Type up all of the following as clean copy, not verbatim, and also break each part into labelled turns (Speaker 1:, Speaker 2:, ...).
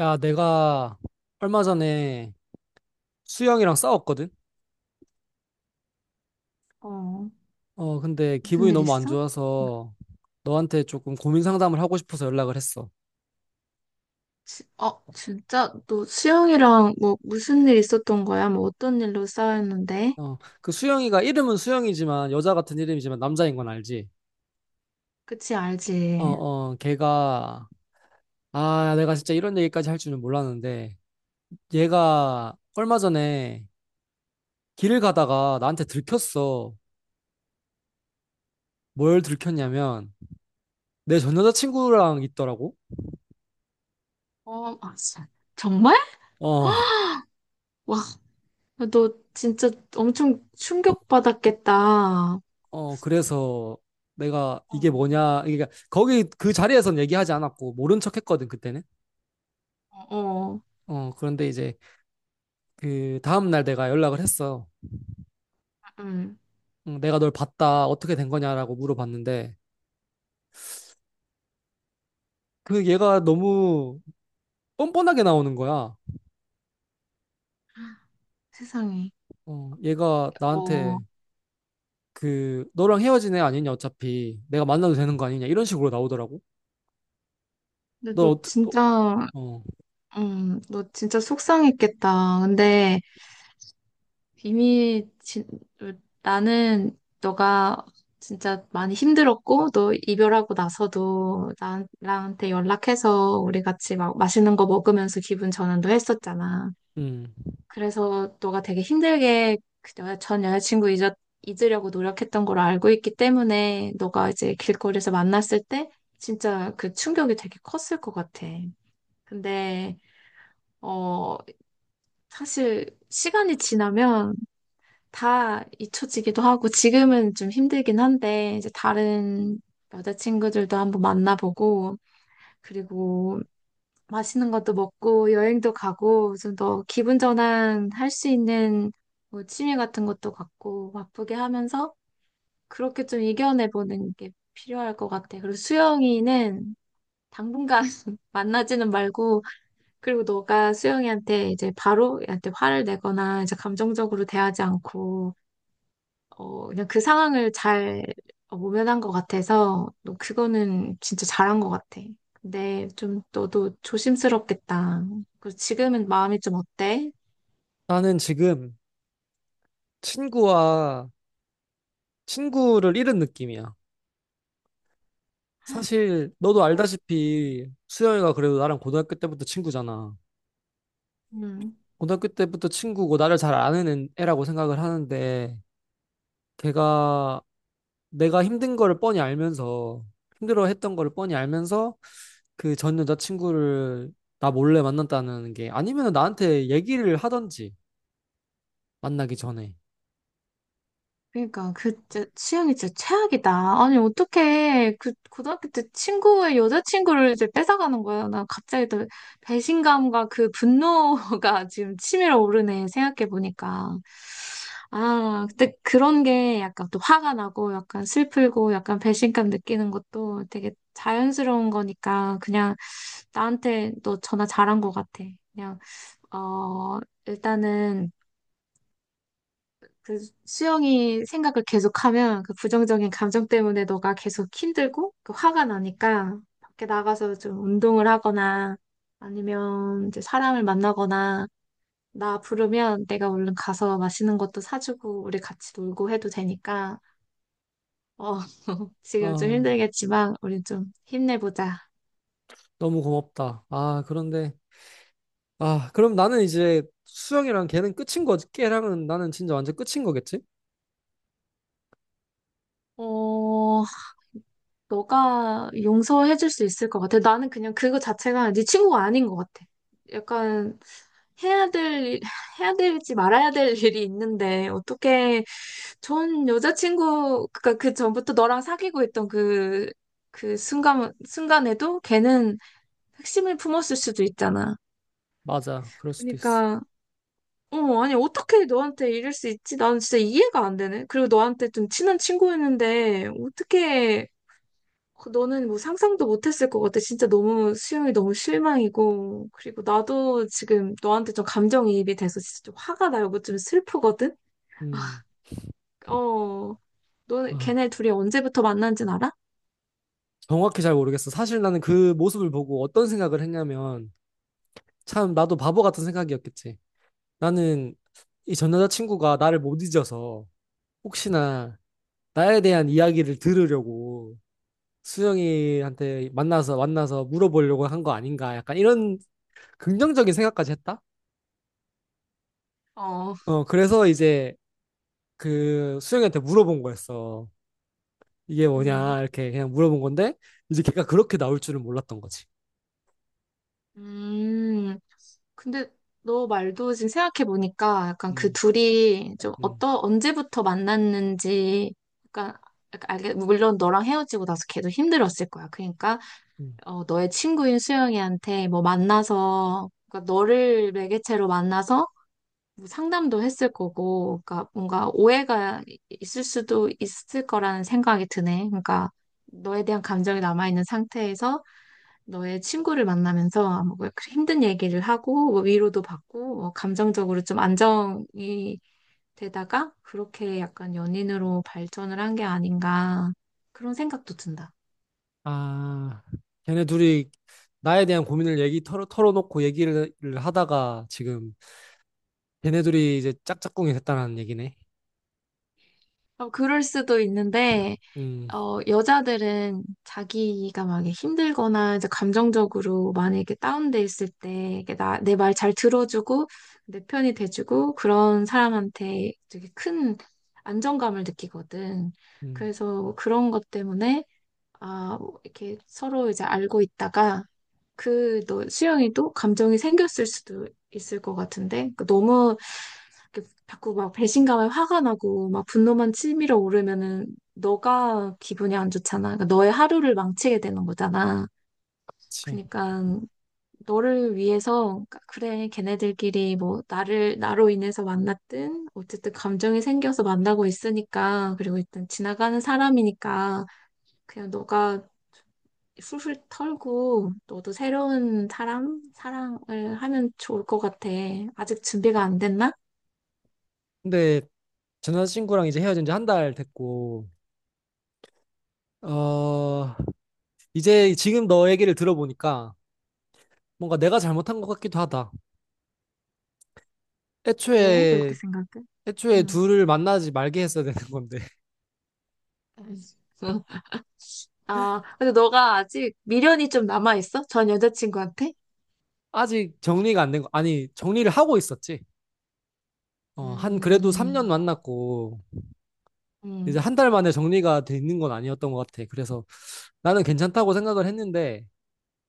Speaker 1: 야, 내가 얼마 전에 수영이랑 싸웠거든?
Speaker 2: 어,
Speaker 1: 근데
Speaker 2: 무슨
Speaker 1: 기분이
Speaker 2: 일
Speaker 1: 너무 안
Speaker 2: 있어? 어,
Speaker 1: 좋아서 너한테 조금 고민 상담을 하고 싶어서 연락을 했어.
Speaker 2: 어, 진짜? 너 수영이랑 뭐 무슨 일 있었던 거야? 뭐 어떤 일로 싸웠는데?
Speaker 1: 어, 그 수영이가 이름은 수영이지만 여자 같은 이름이지만 남자인 건 알지?
Speaker 2: 그치,
Speaker 1: 어,
Speaker 2: 알지?
Speaker 1: 어, 걔가 내가 진짜 이런 얘기까지 할 줄은 몰랐는데 얘가 얼마 전에 길을 가다가 나한테 들켰어. 뭘 들켰냐면 내 전 여자친구랑 있더라고.
Speaker 2: 어, 아, 진짜. 정말?
Speaker 1: 어.
Speaker 2: 와, 너 진짜 엄청 충격받았겠다. 어,
Speaker 1: 그래서 내가
Speaker 2: 어,
Speaker 1: 이게 뭐냐, 그러니까 거기 그 자리에선 얘기하지 않았고, 모른 척 했거든, 그때는.
Speaker 2: 어,
Speaker 1: 그런데 이제 그 다음날 내가 연락을 했어.
Speaker 2: 응,
Speaker 1: 응, 내가 널 봤다, 어떻게 된 거냐라고 물어봤는데, 그 얘가 너무 뻔뻔하게 나오는 거야.
Speaker 2: 세상에.
Speaker 1: 얘가 나한테
Speaker 2: 어,
Speaker 1: 그, 너랑 헤어진 애 아니냐, 어차피. 내가 만나도 되는 거 아니냐, 이런 식으로 나오더라고.
Speaker 2: 근데
Speaker 1: 너
Speaker 2: 너
Speaker 1: 어떻 어,
Speaker 2: 진짜,
Speaker 1: 어,
Speaker 2: 너 진짜 속상했겠다. 근데 이미 진, 나는 너가 진짜 많이 힘들었고 너 이별하고 나서도 나한테 연락해서 우리 같이 막 맛있는 거 먹으면서 기분 전환도 했었잖아.
Speaker 1: 음.
Speaker 2: 그래서 너가 되게 힘들게 그 전 여자친구 잊으려고 노력했던 걸 알고 있기 때문에 너가 이제 길거리에서 만났을 때 진짜 그 충격이 되게 컸을 것 같아. 근데 어 사실 시간이 지나면 다 잊혀지기도 하고 지금은 좀 힘들긴 한데 이제 다른 여자친구들도 한번 만나보고 그리고 맛있는 것도 먹고 여행도 가고 좀 더 기분 전환 할 수 있는 뭐 취미 같은 것도 갖고 바쁘게 하면서 그렇게 좀 이겨내보는 게 필요할 것 같아. 그리고 수영이는 당분간 만나지는 말고 그리고 너가 수영이한테 이제 바로 얘한테 화를 내거나 이제 감정적으로 대하지 않고 어, 그냥 그 상황을 잘 어, 모면한 것 같아서, 너 그거는 진짜 잘한 것 같아. 근데 좀 너도 조심스럽겠다. 그 지금은 마음이 좀 어때?
Speaker 1: 나는 지금 친구와 친구를 잃은 느낌이야. 사실 너도 알다시피 수영이가 그래도 나랑 고등학교 때부터 친구잖아.
Speaker 2: 음.
Speaker 1: 고등학교 때부터 친구고 나를 잘 아는 애라고 생각을 하는데 걔가 내가 힘든 거를 뻔히 알면서 힘들어 했던 거를 뻔히 알면서 그 전 여자친구를 나 몰래 만났다는 게 아니면 나한테 얘기를 하던지 만나기 전에.
Speaker 2: 그러니까 그 진짜 취향이 진짜 최악이다. 아니 어떻게 그 고등학교 때 친구의 여자친구를 이제 뺏어가는 거야. 나 갑자기 또 배신감과 그 분노가 지금 치밀어 오르네 생각해 보니까. 아 근데 그런 게 약간 또 화가 나고 약간 슬프고 약간 배신감 느끼는 것도 되게 자연스러운 거니까 그냥 나한테 너 전화 잘한 것 같아. 그냥 어 일단은 그 수영이 생각을 계속하면 그 부정적인 감정 때문에 너가 계속 힘들고 그 화가 나니까 밖에 나가서 좀 운동을 하거나 아니면 이제 사람을 만나거나 나 부르면 내가 얼른 가서 맛있는 것도 사주고 우리 같이 놀고 해도 되니까 어 지금 좀
Speaker 1: 아,
Speaker 2: 힘들겠지만 우리 좀 힘내보자.
Speaker 1: 너무 고맙다. 아, 그런데 그럼 나는 이제 수영이랑 걔는 끝인 거지. 걔랑은 나는 진짜 완전 끝인 거겠지?
Speaker 2: 어 너가 용서해줄 수 있을 것 같아. 나는 그냥 그거 자체가 네 친구가 아닌 것 같아. 약간 해야 될, 해야 될지 말아야 될 일이 있는데 어떻게 전 여자친구, 그니까 그 전부터 너랑 사귀고 있던 그, 그 순간, 순간에도 걔는 핵심을 품었을 수도 있잖아.
Speaker 1: 맞아. 그럴 수도 있어.
Speaker 2: 그러니까, 어, 아니, 어떻게 너한테 이럴 수 있지? 나는 진짜 이해가 안 되네. 그리고 너한테 좀 친한 친구였는데 어떻게 그 너는 뭐 상상도 못했을 것 같아. 진짜 너무 수영이 너무 실망이고. 그리고 나도 지금 너한테 좀 감정이입이 돼서 진짜 좀 화가 나고 뭐 좀 슬프거든?
Speaker 1: 음,
Speaker 2: 어, 너는
Speaker 1: 아,
Speaker 2: 걔네 둘이 언제부터 만난진 알아?
Speaker 1: 정확히 잘 모르겠어. 사실 나는 그 모습을 보고 어떤 생각을 했냐면, 참, 나도 바보 같은 생각이었겠지. 나는 이 전 여자친구가 나를 못 잊어서, 혹시나 나에 대한 이야기를 들으려고 수영이한테 만나서 물어보려고 한 거 아닌가. 약간 이런 긍정적인 생각까지 했다?
Speaker 2: 어,
Speaker 1: 그래서 이제 그 수영이한테 물어본 거였어. 이게
Speaker 2: 음,
Speaker 1: 뭐냐, 이렇게 그냥 물어본 건데, 이제 걔가 그렇게 나올 줄은 몰랐던 거지.
Speaker 2: 음, 근데 너 말도 지금 생각해보니까 약간 그
Speaker 1: 음,
Speaker 2: 둘이 좀
Speaker 1: 음.
Speaker 2: 언제부터 만났는지 약간, 약간 알게, 물론 너랑 헤어지고 나서 걔도 힘들었을 거야. 그러니까
Speaker 1: 음.
Speaker 2: 어, 너의 친구인 수영이한테 뭐 만나서, 그러니까 너를 매개체로 만나서 뭐 상담도 했을 거고, 그러니까 뭔가 오해가 있을 수도 있을 거라는 생각이 드네. 그러니까 너에 대한 감정이 남아있는 상태에서 너의 친구를 만나면서 뭐그 힘든 얘기를 하고, 뭐 위로도 받고, 뭐 감정적으로 좀 안정이 되다가 그렇게 약간 연인으로 발전을 한 게 아닌가 그런 생각도 든다.
Speaker 1: 아, 걔네 둘이 나에 대한 고민을 얘기 털어놓고 얘기를 하다가 지금 걔네 둘이 이제 짝짝꿍이 됐다는 얘기네.
Speaker 2: 어, 그럴 수도 있는데,
Speaker 1: 음,
Speaker 2: 어, 여자들은 자기가 막 이렇게 힘들거나 이제 감정적으로 많이 이렇게 다운돼 있을 때 이렇게 내 말 잘 들어주고 내 편이 돼주고 그런 사람한테 되게 큰 안정감을 느끼거든.
Speaker 1: 음,
Speaker 2: 그래서 그런 것 때문에 아, 뭐 이렇게 서로 이제 알고 있다가 그 너 수영이도 감정이 생겼을 수도 있을 것 같은데 그 너무 이렇게 자꾸 막 배신감에 화가 나고 막 분노만 치밀어 오르면은 너가 기분이 안 좋잖아. 그러니까 너의 하루를 망치게 되는 거잖아.
Speaker 1: 그치.
Speaker 2: 그러니까 너를 위해서 그러니까 그래 걔네들끼리 뭐 나를 나로 인해서 만났든 어쨌든 감정이 생겨서 만나고 있으니까 그리고 일단 지나가는 사람이니까 그냥 너가 훌훌 털고 너도 새로운 사람 사랑을 하면 좋을 것 같아. 아직 준비가 안 됐나?
Speaker 1: 근데 전 여자친구랑 이제 헤어진 지 한 달 됐고, 어, 이제 지금 너 얘기를 들어보니까 뭔가 내가 잘못한 것 같기도 하다.
Speaker 2: 왜 그렇게
Speaker 1: 애초에,
Speaker 2: 생각해?
Speaker 1: 애초에
Speaker 2: 응.
Speaker 1: 둘을 만나지 말게 했어야 되는 건데.
Speaker 2: 알겠어. 아, 근데 너가 아직 미련이 좀 남아있어? 전 여자친구한테?
Speaker 1: 아직 정리가 안 된 거, 아니, 정리를 하고 있었지. 한 그래도 3년
Speaker 2: 음,
Speaker 1: 만났고, 이제
Speaker 2: 음,
Speaker 1: 한 달 만에 정리가 돼 있는 건 아니었던 것 같아. 그래서 나는 괜찮다고 생각을 했는데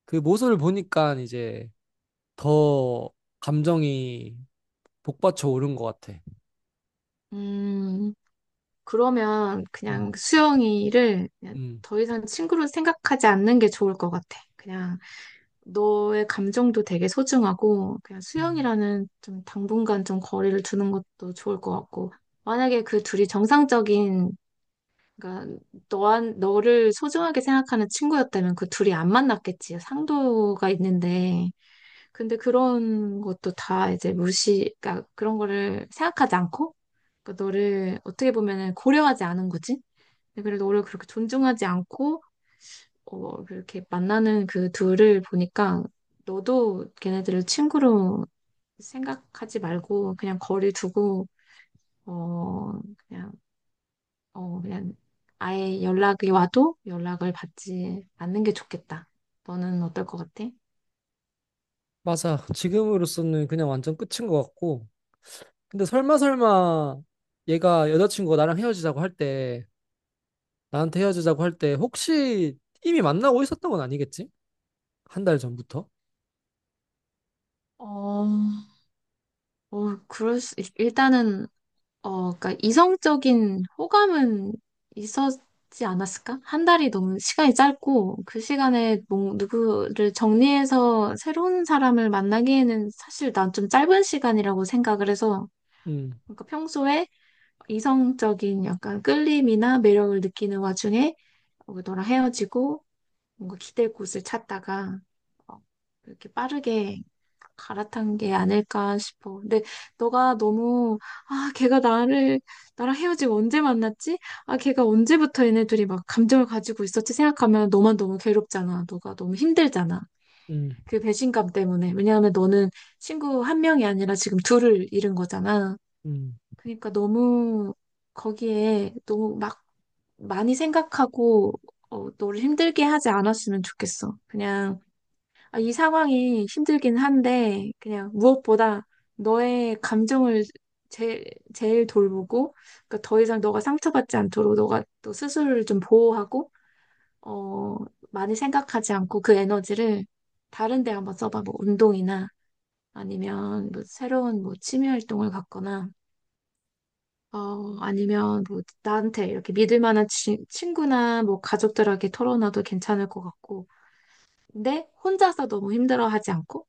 Speaker 1: 그 모습을 보니까 이제 더 감정이 복받쳐 오른 것 같아.
Speaker 2: 음. 그러면 그냥
Speaker 1: 음,
Speaker 2: 수영이를 그냥
Speaker 1: 음,
Speaker 2: 더 이상 친구로 생각하지 않는 게 좋을 것 같아. 그냥 너의 감정도 되게 소중하고, 그냥
Speaker 1: 음.
Speaker 2: 수영이라는 좀 당분간 좀 거리를 두는 것도 좋을 것 같고, 만약에 그 둘이 정상적인 그러니까 너한 너를 소중하게 생각하는 친구였다면 그 둘이 안 만났겠지. 상도가 있는데. 근데 그런 것도 다 이제 무시, 그러니까 그런 거를 생각하지 않고 그러니까 너를 어떻게 보면은 고려하지 않은 거지. 근데 그래도 너를 그렇게 존중하지 않고 어 그렇게 만나는 그 둘을 보니까 너도 걔네들을 친구로 생각하지 말고 그냥 거리 두고 어 그냥 어, 그냥 아예 연락이 와도 연락을 받지 않는 게 좋겠다. 너는 어떨 것 같아?
Speaker 1: 맞아. 지금으로서는 그냥 완전 끝인 것 같고. 근데 설마 설마 얘가 여자친구가 나랑 헤어지자고 할 때, 나한테 헤어지자고 할 때 혹시 이미 만나고 있었던 건 아니겠지? 한 달 전부터?
Speaker 2: 어, 어, 그럴 수, 일단은, 어, 그니까 이성적인 호감은 있었지 않았을까? 한 달이 너무 시간이 짧고, 그 시간에 뭐, 누구를 정리해서 새로운 사람을 만나기에는 사실 난 좀 짧은 시간이라고 생각을 해서,
Speaker 1: 음,
Speaker 2: 그러니까 평소에 이성적인 약간 끌림이나 매력을 느끼는 와중에 어, 너랑 헤어지고, 뭔가 기댈 곳을 찾다가 어, 이렇게 빠르게 갈아탄 게 아닐까 싶어. 근데 너가 너무 아 걔가 나를 나랑 헤어지고 언제 만났지? 아 걔가 언제부터 얘네들이 막 감정을 가지고 있었지 생각하면 너만 너무 괴롭잖아. 너가 너무 힘들잖아.
Speaker 1: 음,
Speaker 2: 그 배신감 때문에. 왜냐하면 너는 친구 한 명이 아니라 지금 둘을 잃은 거잖아.
Speaker 1: 음,
Speaker 2: 그러니까 너무 거기에 너무 막 많이 생각하고 어, 너를 힘들게 하지 않았으면 좋겠어. 그냥 아, 이 상황이 힘들긴 한데, 그냥 무엇보다 너의 감정을 제, 제일 돌보고, 그러니까 더 이상 너가 상처받지 않도록 너가 또 스스로를 좀 보호하고, 어, 많이 생각하지 않고 그 에너지를 다른 데 한번 써봐. 뭐 운동이나 아니면 뭐 새로운 뭐 취미 활동을 갖거나, 어, 아니면 뭐 나한테 이렇게 믿을 만한 친구나 뭐 가족들에게 털어놔도 괜찮을 것 같고, 근데 혼자서 너무 힘들어하지 않고,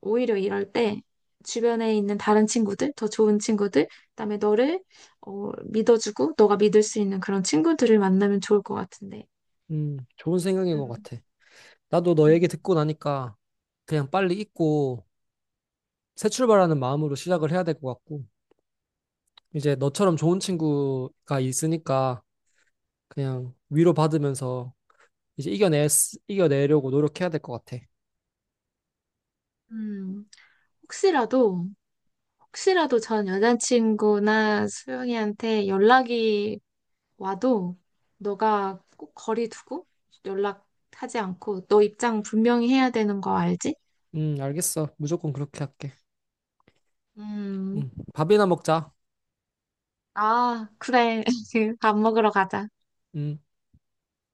Speaker 2: 오히려 이럴 때 주변에 있는 다른 친구들, 더 좋은 친구들, 그다음에 너를 어, 믿어주고 너가 믿을 수 있는 그런 친구들을 만나면 좋을 것 같은데.
Speaker 1: 좋은 생각인 것
Speaker 2: 음,
Speaker 1: 같아. 나도 너 얘기
Speaker 2: 음,
Speaker 1: 듣고 나니까 그냥 빨리 잊고 새 출발하는 마음으로 시작을 해야 될 것 같고, 이제 너처럼 좋은 친구가 있으니까 그냥 위로받으면서 이제 이겨내려고 노력해야 될 것 같아.
Speaker 2: 음. 혹시라도 혹시라도 전 여자친구나 수영이한테 연락이 와도 너가 꼭 거리 두고 연락하지 않고 너 입장 분명히 해야 되는 거 알지?
Speaker 1: 알겠어. 무조건 그렇게 할게.
Speaker 2: 음,
Speaker 1: 밥이나 먹자.
Speaker 2: 아, 그래. 밥 먹으러 가자.
Speaker 1: 음.